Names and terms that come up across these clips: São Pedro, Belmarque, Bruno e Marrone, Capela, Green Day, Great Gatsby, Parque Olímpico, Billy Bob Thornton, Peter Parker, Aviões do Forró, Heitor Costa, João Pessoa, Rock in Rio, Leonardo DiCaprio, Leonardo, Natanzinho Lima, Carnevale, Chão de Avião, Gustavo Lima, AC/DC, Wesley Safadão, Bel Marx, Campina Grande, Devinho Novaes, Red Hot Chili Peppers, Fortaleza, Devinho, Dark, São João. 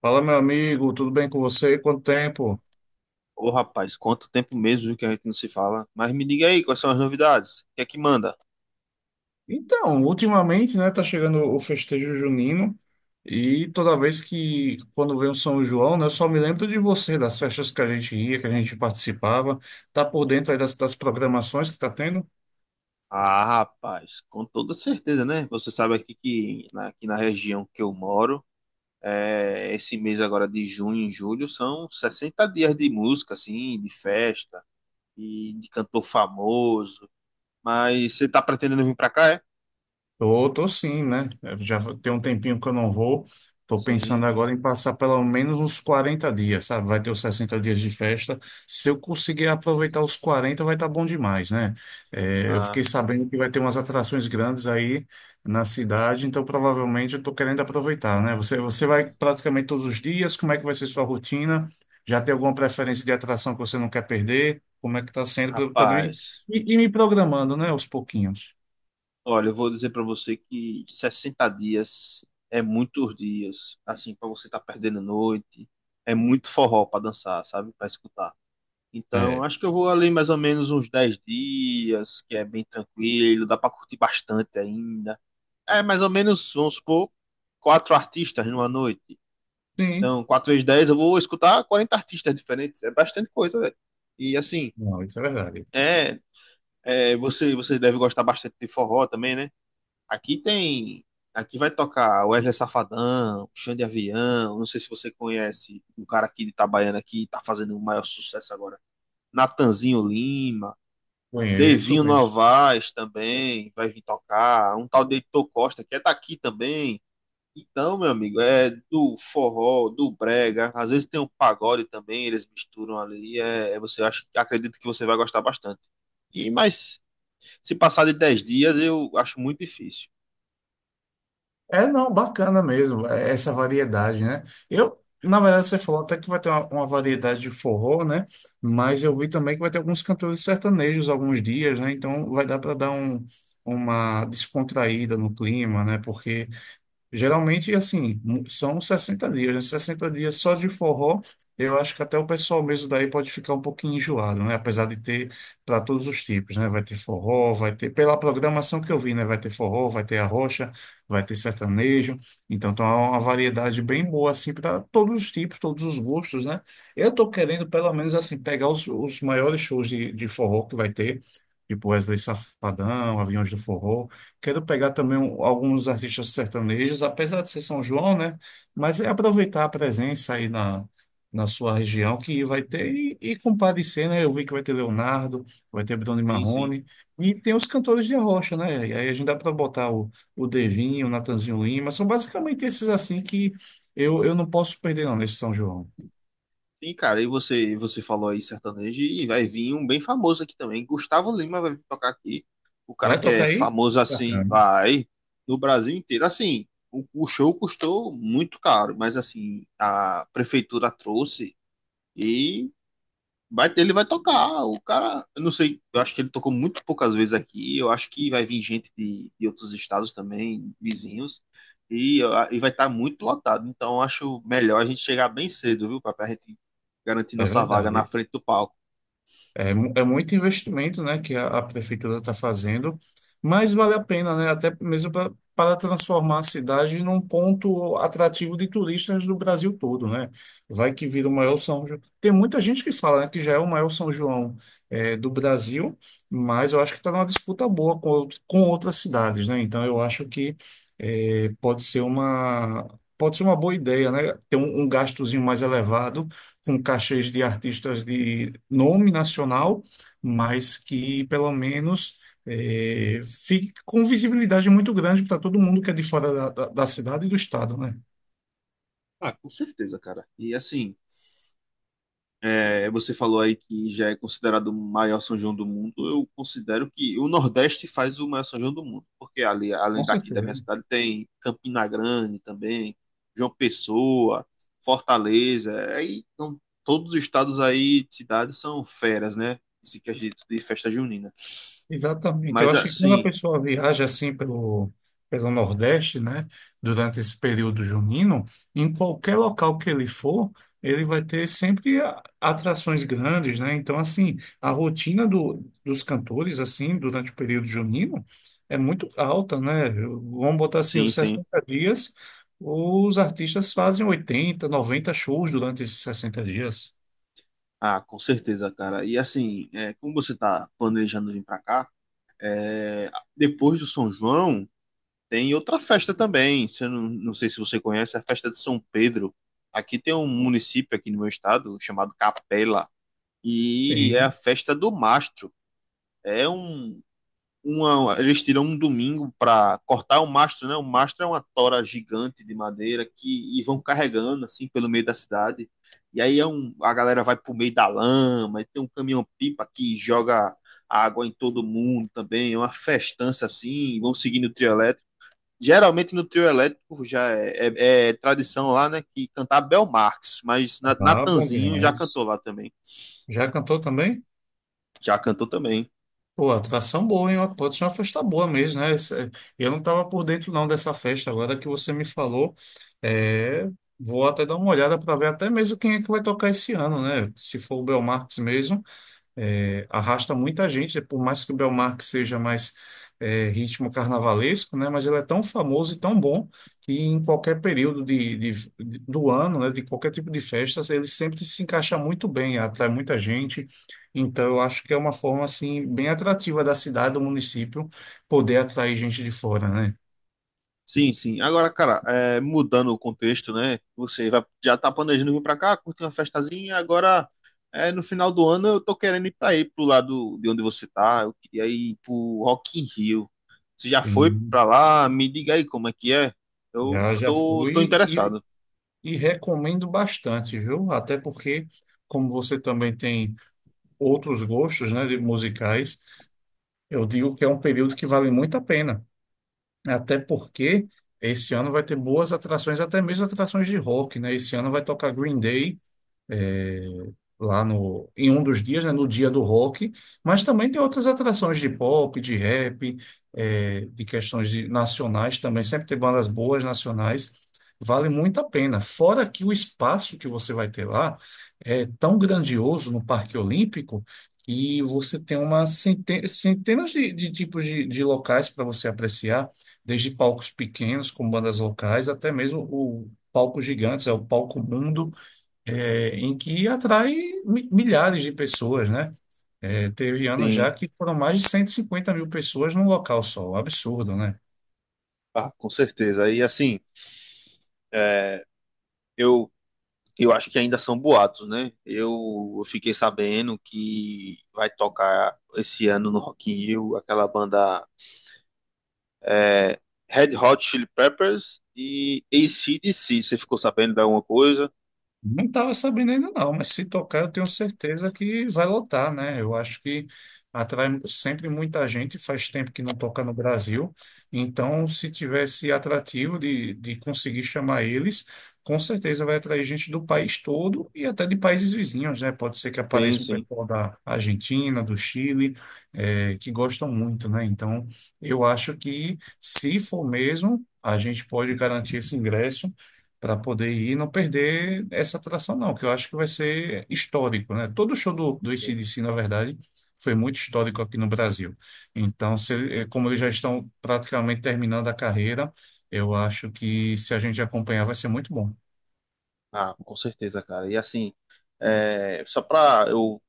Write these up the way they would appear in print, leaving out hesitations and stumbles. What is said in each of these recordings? Fala, meu amigo, tudo bem com você? Quanto tempo? Ô, rapaz, quanto tempo mesmo viu, que a gente não se fala. Mas me diga aí, quais são as novidades? O que é que manda? Então, ultimamente, né, tá chegando o festejo junino e toda vez que, quando vem o São João, né, eu só me lembro de você, das festas que a gente ia, que a gente participava. Tá por dentro aí das programações que tá tendo? Ah, rapaz, com toda certeza, né? Você sabe aqui que aqui na região que eu moro, esse mês agora de junho e julho são 60 dias de música, assim, de festa e de cantor famoso. Mas você tá pretendendo vir pra cá, é? Tô, tô sim, né? Eu já tem um tempinho que eu não vou. Tô Sim. pensando agora em passar pelo menos uns 40 dias, sabe? Vai ter os 60 dias de festa. Se eu conseguir aproveitar os 40 vai estar bom demais, né? É, eu fiquei Ah, sabendo que vai ter umas atrações grandes aí na cidade, então provavelmente eu tô querendo aproveitar, né? Você vai praticamente todos os dias, como é que vai ser sua rotina? Já tem alguma preferência de atração que você não quer perder? Como é que tá sendo? Pra eu também rapaz. Me programando, né? Aos pouquinhos. Olha, eu vou dizer para você que 60 dias é muitos dias, assim, para você estar tá perdendo noite, é muito forró para dançar, sabe? Para escutar. Então, É. acho que eu vou ali mais ou menos uns 10 dias, que é bem tranquilo, dá para curtir bastante ainda. É mais ou menos, vamos supor, quatro artistas numa noite. Sim. Então, quatro vezes 10, eu vou escutar 40 artistas diferentes, é bastante coisa, velho. E assim, Não, isso é verdade. é, você deve gostar bastante de forró também, né? Aqui tem. Aqui vai tocar Wesley Safadão, Chão de Avião. Não sei se você conhece um cara aqui de Itabaiana que tá fazendo o maior sucesso agora. Natanzinho Lima, Conheço, Devinho conheço. Novaes também vai vir tocar. Um tal de Heitor Costa que é daqui também. Então, meu amigo, é do forró, do brega. Às vezes tem um pagode também, eles misturam ali. Acredito que você vai gostar bastante. E mas se passar de 10 dias, eu acho muito difícil. É, não, bacana mesmo, é, essa variedade, né? Eu, na verdade, você falou até que vai ter uma variedade de forró, né? Mas eu vi também que vai ter alguns cantores sertanejos alguns dias, né? Então vai dar para dar um, uma descontraída no clima, né? Porque geralmente, assim, são 60 dias, né? 60 dias só de forró, eu acho que até o pessoal mesmo daí pode ficar um pouquinho enjoado, né? Apesar de ter para todos os tipos, né? Vai ter forró, vai ter, pela programação que eu vi, né? Vai ter forró, vai ter arrocha, vai ter sertanejo. Então, tá uma variedade bem boa, assim, para todos os tipos, todos os gostos, né? Eu tô querendo, pelo menos, assim, pegar os maiores shows de forró que vai ter, tipo Wesley Safadão, Aviões do Forró. Quero pegar também alguns artistas sertanejos, apesar de ser São João, né? Mas é aproveitar a presença aí na, na sua região que vai ter e comparecer, né? Eu vi que vai ter Leonardo, vai ter Bruno e Sim, sim. Marrone, e tem os cantores de arrocha, né? E aí a gente dá para botar o Devinho, o Natanzinho Lima, são basicamente esses assim que eu não posso perder não nesse São João. Sim, cara, e você falou aí sertanejo, e vai vir um bem famoso aqui também. Gustavo Lima vai vir tocar aqui. O cara Vai que tocar é aí? famoso assim, Bacana. vai no Brasil inteiro. Assim, o show custou muito caro, mas assim, a prefeitura trouxe, e vai. Ele vai tocar. O cara, eu não sei, eu acho que ele tocou muito poucas vezes aqui. Eu acho que vai vir gente de outros estados também, vizinhos, e vai estar muito lotado. Então, eu acho melhor a gente chegar bem cedo, viu, para a gente garantir É nossa vaga na verdade. frente do palco. É, é muito investimento, né, que a prefeitura está fazendo, mas vale a pena, né, até mesmo pra, para transformar a cidade num ponto atrativo de turistas do Brasil todo, né? Vai que vira o maior São João. Tem muita gente que fala, né, que já é o maior São João, é, do Brasil, mas eu acho que está numa disputa boa com, com outras cidades, né? Então eu acho que é, pode ser uma, pode ser uma boa ideia, né? Ter um, um gastozinho mais elevado com cachês de artistas de nome nacional, mas que pelo menos, eh, fique com visibilidade muito grande para todo mundo que é de fora da cidade e do estado, né? Ah, com certeza, cara. E assim, você falou aí que já é considerado o maior São João do mundo. Eu considero que o Nordeste faz o maior São João do mundo, porque ali, além Com daqui da minha certeza. cidade, tem Campina Grande também, João Pessoa, Fortaleza. Aí, então, todos os estados aí, cidades são feras, né? Se quer dizer de festa junina. Exatamente. Eu Mas acho que quando a assim, pessoa viaja assim pelo, pelo Nordeste, né, durante esse período junino, em qualquer local que ele for, ele vai ter sempre atrações grandes, né? Então, assim, a rotina do, dos cantores, assim, durante o período junino, é muito alta, né? Eu- vamos botar assim, sim, os sim. 60 dias, os artistas fazem 80, 90 shows durante esses 60 dias. Ah, com certeza, cara. E assim, como você tá planejando vir pra cá, é, depois do São João. Tem outra festa também, se eu não, não sei se você conhece, a festa de São Pedro. Aqui tem um município aqui no meu estado chamado Capela e é a Sim. festa do mastro. É um eles tiram um domingo para cortar o mastro, né? O mastro é uma tora gigante de madeira que e vão carregando assim pelo meio da cidade. E aí a galera vai pro meio da lama, e tem um caminhão-pipa que joga água em todo mundo também, é uma festança assim, vão seguindo o trio elétrico. Geralmente no trio elétrico já é tradição lá, né? Que cantar Bel Marx, mas Ah, bom Natanzinho já demais. cantou lá também. Já cantou também? Já cantou também. Pô, atração boa, hein? Pode ser uma festa boa mesmo, né? Isso é- eu não estava por dentro não dessa festa. Agora que você me falou, é, vou até dar uma olhada para ver até mesmo quem é que vai tocar esse ano, né? Se for o Belmarx mesmo, é, arrasta muita gente, por mais que o Belmarque seja mais, é, ritmo carnavalesco, né, mas ele é tão famoso e tão bom que em qualquer período do ano, né, de qualquer tipo de festa, ele sempre se encaixa muito bem, atrai muita gente. Então, eu acho que é uma forma assim bem atrativa da cidade, do município, poder atrair gente de fora, né? Sim, sim. Agora, cara, mudando o contexto, né? Você vai, já tá planejando vir pra cá, curtir uma festazinha, agora no final do ano eu tô querendo ir pra aí, pro lado de onde você tá. Eu queria ir pro Rock in Rio. Você já foi Sim. pra lá? Me diga aí como é que é. Eu Já já tô fui interessado. e recomendo bastante, viu? Até porque, como você também tem outros gostos, né, de musicais, eu digo que é um período que vale muito a pena, né? Até porque esse ano vai ter boas atrações, até mesmo atrações de rock, né? Esse ano vai tocar Green Day, é, lá no, em um dos dias, né, no dia do rock, mas também tem outras atrações de pop, de rap, é, de questões nacionais também, sempre tem bandas boas nacionais, vale muito a pena. Fora que o espaço que você vai ter lá é tão grandioso no Parque Olímpico e você tem uma centenas de tipos de locais para você apreciar, desde palcos pequenos com bandas locais até mesmo o palco gigantes, é o palco mundo, é, em que atrai milhares de pessoas, né? É, teve anos Sim, já que foram mais de 150 mil pessoas num local só, um absurdo, né? ah, com certeza. E assim, eu eu acho que ainda são boatos, né? Eu fiquei sabendo que vai tocar esse ano no Rock in Rio aquela banda é, Red Hot Chili Peppers e ac C. Você ficou sabendo de alguma coisa? Não estava sabendo ainda não, mas se tocar eu tenho certeza que vai lotar, né? Eu acho que atrai sempre muita gente, faz tempo que não toca no Brasil, então se tivesse atrativo de conseguir chamar eles, com certeza vai atrair gente do país todo e até de países vizinhos, né? Pode ser que Sim, apareça um sim. pessoal da Argentina, do Chile, eh, que gostam muito, né? Então eu acho que se for mesmo, a gente pode garantir esse ingresso para poder ir e não perder essa atração, não, que eu acho que vai ser histórico, né? Todo show do, do Sim. AC/DC, na verdade, foi muito histórico aqui no Brasil. Então, se ele- eh, como eles já estão praticamente terminando a carreira, eu acho que se a gente acompanhar vai ser muito bom. Ah, com certeza, cara. E assim, só pra eu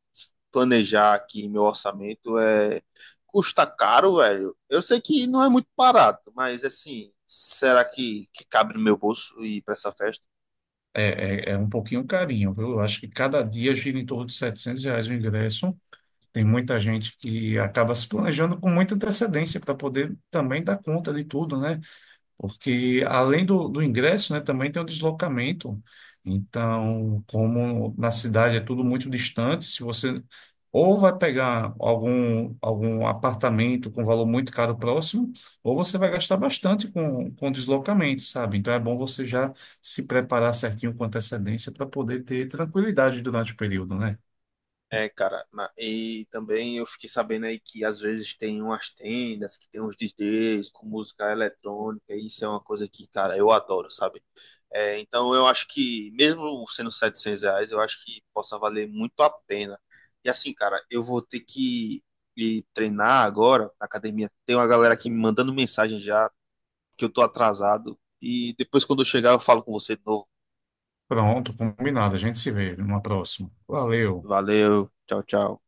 planejar aqui meu orçamento, custa caro, velho. Eu sei que não é muito barato, mas assim, será que cabe no meu bolso ir pra essa festa? É, é, é um pouquinho carinho, viu? Eu acho que cada dia gira em torno de R$ 700 o ingresso. Tem muita gente que acaba se planejando com muita antecedência para poder também dar conta de tudo, né? Porque além do, do ingresso, né, também tem o deslocamento. Então, como na cidade é tudo muito distante, se você ou vai pegar algum, algum apartamento com valor muito caro próximo, ou você vai gastar bastante com deslocamento, sabe? Então é bom você já se preparar certinho com antecedência para poder ter tranquilidade durante o período, né? É, cara, e também eu fiquei sabendo aí que às vezes tem umas tendas que tem uns DJs com música eletrônica, e isso é uma coisa que, cara, eu adoro, sabe? É, então eu acho que, mesmo sendo 700 reais, eu acho que possa valer muito a pena. E assim, cara, eu vou ter que ir treinar agora na academia. Tem uma galera aqui me mandando mensagem já, que eu tô atrasado, e depois quando eu chegar eu falo com você de novo. Pronto, combinado. A gente se vê numa próxima. Valeu. Valeu, tchau, tchau.